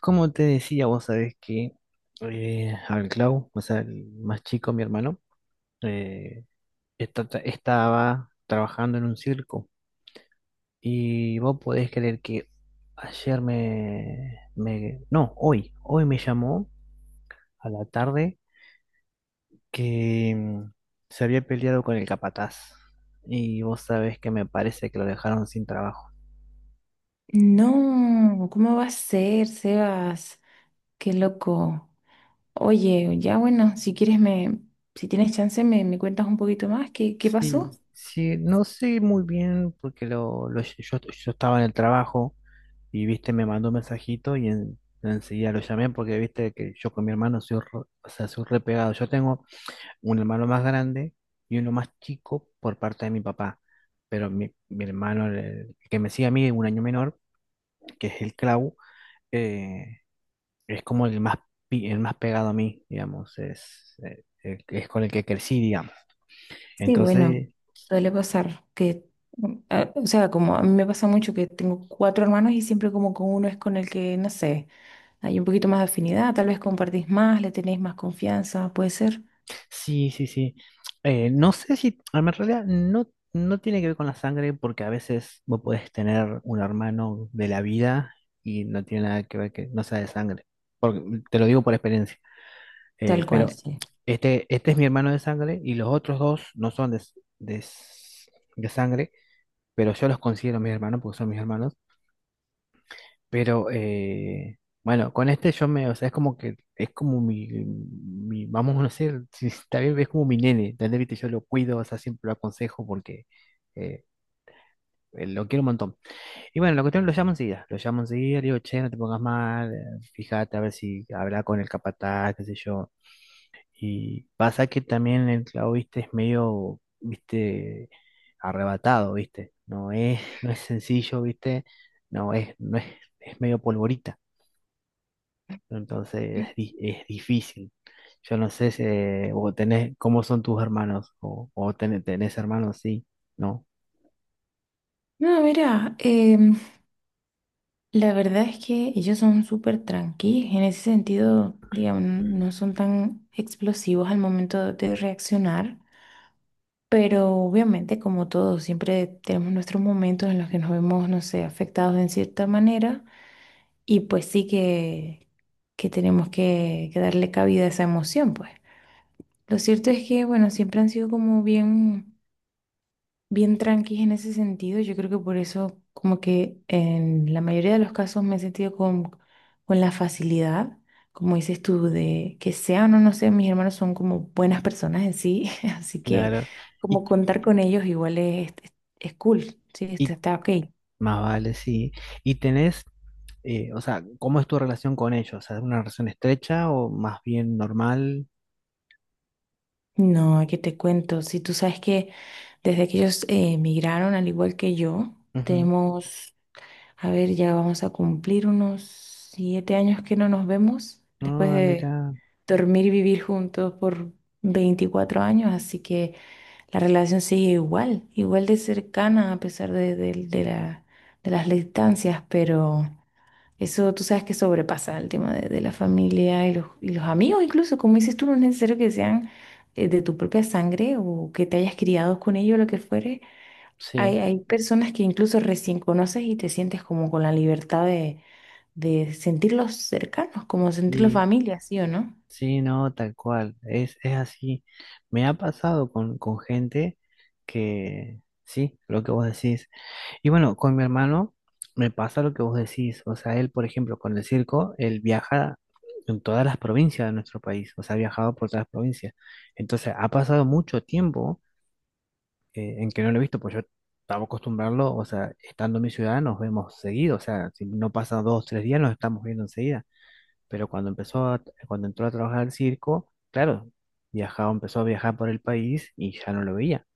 Como te decía, vos sabés que al Clau, o sea, el más chico, mi hermano, eh, estaba trabajando en un circo. Y vos podés creer que no, hoy, hoy me llamó a la tarde que se había peleado con el capataz. Y vos sabés que me parece que lo dejaron sin trabajo. No, ¿cómo va a ser, Sebas? Qué loco. Oye, ya bueno, si quieres si tienes chance me cuentas un poquito más, ¿qué pasó? Sí, sí, no sé muy bien porque yo estaba en el trabajo. Y viste, me mandó un mensajito y enseguida lo llamé porque viste que yo con mi hermano o sea, soy re pegado. Yo tengo un hermano más grande y uno más chico por parte de mi papá. Pero mi hermano, el que me sigue a mí, un año menor, que es el Clau, eh, es como el más, el más pegado a mí, digamos. Es, es con el que crecí, digamos. Sí, bueno, Entonces, suele pasar que, como a mí me pasa mucho que tengo cuatro hermanos y siempre como con uno es con el que, no sé, hay un poquito más de afinidad, tal vez compartís más, le tenéis más confianza, puede ser. sí, sí, sí. No sé si, a ver, en realidad no, no tiene que ver con la sangre porque a veces vos podés tener un hermano de la vida y no tiene nada que ver que no sea de sangre. Porque, te lo digo por experiencia. Tal cual, Pero sí. Este es mi hermano de sangre y los otros dos no son de s- de sangre, pero yo los considero mis hermanos porque son mis hermanos. Pero bueno, con este yo me, o sea, es como que es como vamos a decir, si está bien, es como mi nene, ¿entendés? Viste, yo lo cuido, o sea, siempre lo aconsejo porque eh, lo quiero un montón. Y bueno, la cuestión lo llamo enseguida, le digo, che, no te pongas mal, fíjate a ver si habla con el capataz, qué sé yo. Y pasa que también el clavo, viste, es medio, viste, arrebatado, viste, no es, no es sencillo, viste, no es, no es, es medio polvorita. Entonces es difícil. Yo no sé si, o tenés, cómo son tus hermanos, tenés hermanos, sí, ¿no? No, mira, la verdad es que ellos son súper tranquilos, en ese sentido, digamos, no son tan explosivos al momento de reaccionar, pero obviamente como todos, siempre tenemos nuestros momentos en los que nos vemos, no sé, afectados en cierta manera y pues sí que tenemos que darle cabida a esa emoción, pues. Lo cierto es que, bueno, siempre han sido como bien bien tranquis en ese sentido. Yo creo que por eso, como que en la mayoría de los casos me he sentido con la facilidad, como dices tú, de que sean o no sean, mis hermanos son como buenas personas en sí, así que Claro. como Y, contar con ellos igual es cool, sí, y está ok. más vale, sí. Y tenés, o sea, ¿cómo es tu relación con ellos? ¿Es una relación estrecha o más bien normal? No, qué te cuento, si tú sabes que desde que ellos emigraron, al igual que yo, Ujú. tenemos. A ver, ya vamos a cumplir unos 7 años que no nos vemos después Ah, de mira, dormir y vivir juntos por 24 años, así que la relación sigue igual, igual de cercana a pesar de las distancias, pero eso tú sabes que sobrepasa el tema de la familia y y los amigos, incluso como dices tú, no es necesario que sean de tu propia sangre o que te hayas criado con ellos, lo que fuere. sí, Hay personas que incluso recién conoces y te sientes como con la libertad de sentirlos cercanos, como sentirlos sí, familia, ¿sí o no? sí, no, tal cual. Es así. Me ha pasado con gente que, sí, lo que vos decís. Y bueno, con mi hermano me pasa lo que vos decís. O sea, él, por ejemplo, con el circo, él viaja en todas las provincias de nuestro país. O sea, ha viajado por todas las provincias. Entonces, ha pasado mucho tiempo en que no lo he visto, pues yo estaba acostumbrado, o sea, estando en mi ciudad nos vemos seguido. O sea, si no pasa dos, tres días, nos estamos viendo enseguida. Pero cuando entró a trabajar al circo, claro, viajaba, empezó a viajar por el país y ya no lo veía,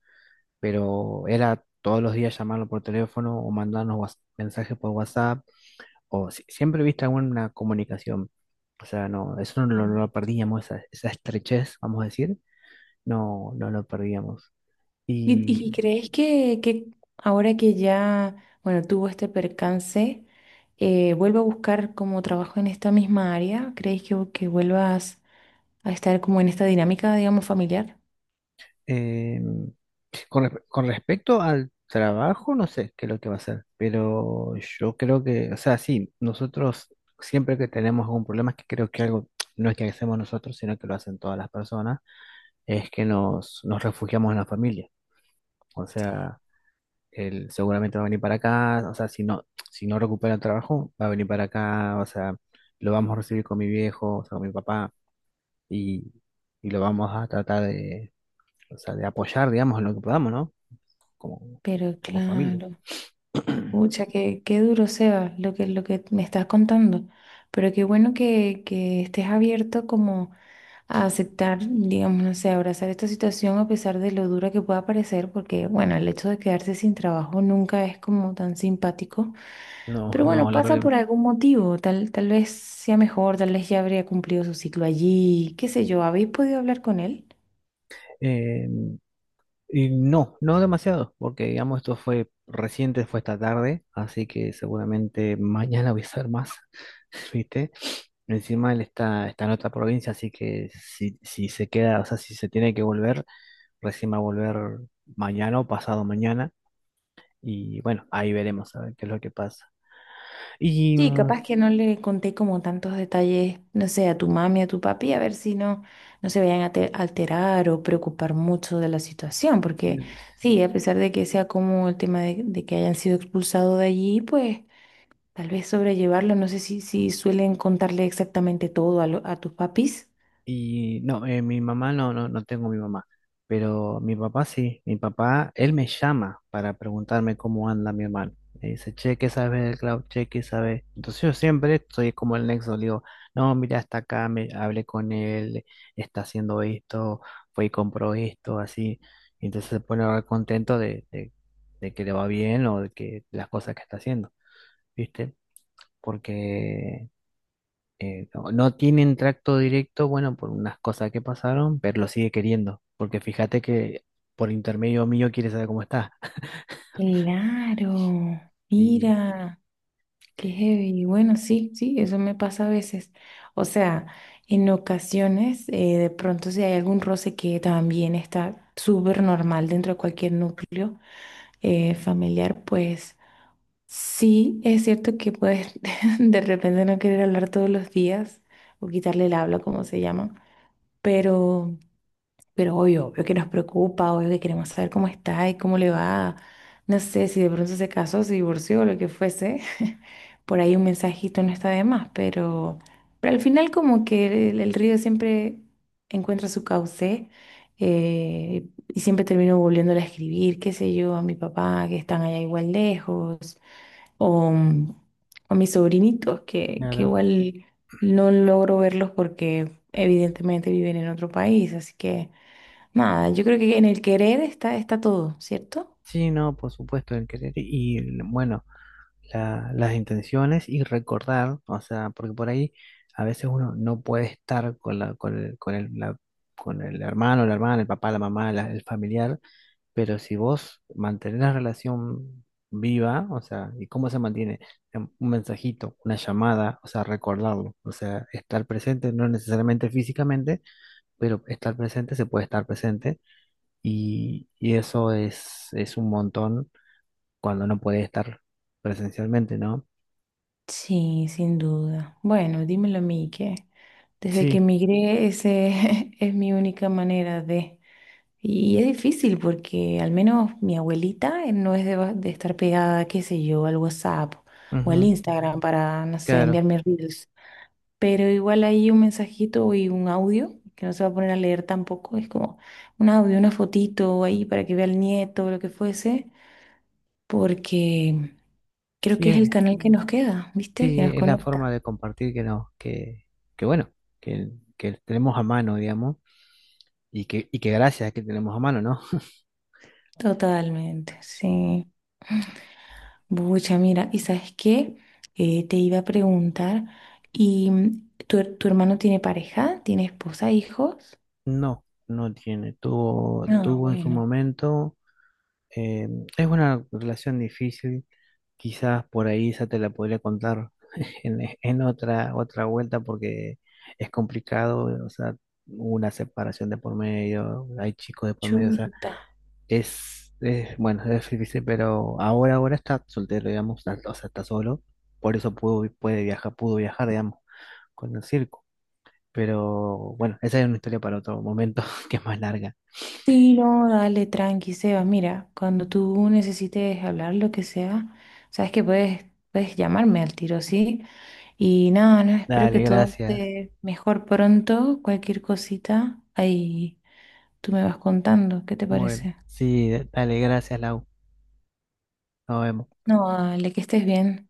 pero era todos los días llamarlo por teléfono o mensajes por WhatsApp, o si- siempre viste alguna comunicación. O sea, no, eso Ujú. no lo perdíamos, esa estrechez, vamos a decir, no lo perdíamos. ¿Y, Y y crees que ahora que ya, bueno, tuvo este percance, ¿vuelva a buscar como trabajo en esta misma área? ¿Crees que vuelvas a estar como en esta dinámica, digamos, familiar? eh, con respecto al trabajo, no sé qué es lo que va a ser, pero yo creo que, o sea, sí, nosotros siempre que tenemos algún problema, es que creo que algo no es que hacemos nosotros, sino que lo hacen todas las personas, es que nos refugiamos en la familia. O Sí. sea, él seguramente va a venir para acá, o sea, si no, si no recupera el trabajo, va a venir para acá, o sea, lo vamos a recibir con mi viejo, o sea, con mi papá, y, y lo vamos a tratar de, o sea, de apoyar, digamos, en lo que podamos, ¿no? Como, Pero como familia. claro. Pucha, qué duro, Seba, lo lo que me estás contando. Pero qué bueno que estés abierto como a aceptar, digamos, no sé, abrazar esta situación a pesar de lo dura que pueda parecer, porque bueno, el hecho de quedarse sin trabajo nunca es como tan simpático. No, Pero bueno, no, lo creo pasa que no. por algún motivo, tal vez sea mejor, tal vez ya habría cumplido su ciclo allí, qué sé yo, ¿habéis podido hablar con él? Eh, y no, no demasiado, porque digamos esto fue reciente, fue esta tarde, así que seguramente mañana voy a hacer más, ¿viste? Encima él está en otra provincia, así que si, si se queda, o sea, si se tiene que volver, recién va a volver mañana o pasado mañana. Y bueno, ahí veremos a ver qué es lo que pasa. Y Sí, capaz que no le conté como tantos detalles, no sé, a tu mami, a tu papi, a ver si no, no se vayan a te- alterar o preocupar mucho de la situación, porque sí, a pesar de que sea como el tema de que hayan sido expulsados de allí, pues tal vez sobrellevarlo, no sé si, si suelen contarle exactamente todo a tus papis. y no, mi mamá no, no, no tengo mi mamá, pero mi papá sí, mi papá, él me llama para preguntarme cómo anda mi hermano. Me dice, che, ¿qué sabes del cloud? Che, ¿qué sabes? Entonces yo siempre soy como el nexo, le digo, no, mira, está acá, me, hablé con él, está haciendo esto, fue y compró esto, así. Y entonces se pone ahora contento de que le va bien o de que las cosas que está haciendo, ¿viste? Porque no tienen tracto directo, bueno, por unas cosas que pasaron, pero lo sigue queriendo, porque fíjate que por intermedio mío quiere saber cómo está. Claro, Y mira. Qué heavy. Y bueno, sí, sí, eso me pasa a veces. O sea, en ocasiones, de pronto si hay algún roce que también está súper normal dentro de cualquier núcleo familiar, pues sí, es cierto que puedes de repente no querer hablar todos los días o quitarle el habla, como se llama, pero... Pero obvio, obvio que nos preocupa, obvio que queremos saber cómo está y cómo le va. No sé si de pronto se casó, se divorció, o lo que fuese. Por ahí un mensajito no está de más, pero al final como que el río siempre encuentra su cauce y siempre termino volviéndole a escribir, qué sé yo, a mi papá que están allá igual lejos o a mis sobrinitos que claro, igual no logro verlos porque evidentemente viven en otro país, así que nada, yo creo que en el querer está, está todo, ¿cierto? sí, no, por supuesto, el querer y bueno, las intenciones y recordar, o sea, porque por ahí a veces uno no puede estar con la, con el, con el hermano, la hermana, el papá, la mamá, el familiar. Pero si vos mantenés la relación viva, o sea, ¿y cómo se mantiene? Un mensajito, una llamada, o sea, recordarlo, o sea, estar presente, no necesariamente físicamente, pero estar presente, se puede estar presente y eso es un montón cuando no puede estar presencialmente, ¿no? Sí, sin duda. Bueno, dímelo a mí, que desde que Sí, emigré ese es mi única manera de... Y es difícil porque al menos mi abuelita no es de, de estar pegada, qué sé yo, al WhatsApp o al ujú, Instagram para, no sé, claro, enviarme reels. Pero igual hay un mensajito y un audio, que no se va a poner a leer tampoco, es como un audio, una fotito ahí para que vea el nieto o lo que fuese, porque creo sí, que es el canal que nos queda, ¿viste? Que sí, nos es la forma conecta. de compartir que no, que bueno, que, que tenemos a mano, digamos, y que gracias a que tenemos a mano, ¿no? Totalmente, sí. Bucha, mira, ¿y sabes qué? Te iba a preguntar, ¿y tu hermano tiene pareja? ¿Tiene esposa, hijos? No, no tiene. Tuvo, Ah, tuvo en su bueno, momento. eh, es una relación difícil. Quizás por ahí esa te la podría contar en otra, otra vuelta porque es complicado. O sea, hubo una separación de por medio, hay chicos de por medio. O sea, chuta. Es bueno, es difícil, pero ahora, ahora está soltero, digamos. O sea, está solo. Por eso pudo, puede viajar, pudo viajar, digamos, con el circo. Pero bueno, esa es una historia para otro momento que es más larga. Sí, no, dale, tranqui, Seba. Mira, cuando tú necesites hablar lo que sea, sabes que puedes, puedes llamarme al tiro, ¿sí? Y nada, no, espero que Dale, todo gracias. esté mejor pronto. Cualquier cosita, ahí tú me vas contando, ¿qué te Bueno, parece? sí, dale, gracias, Lau. Nos vemos. No, dale, que estés bien.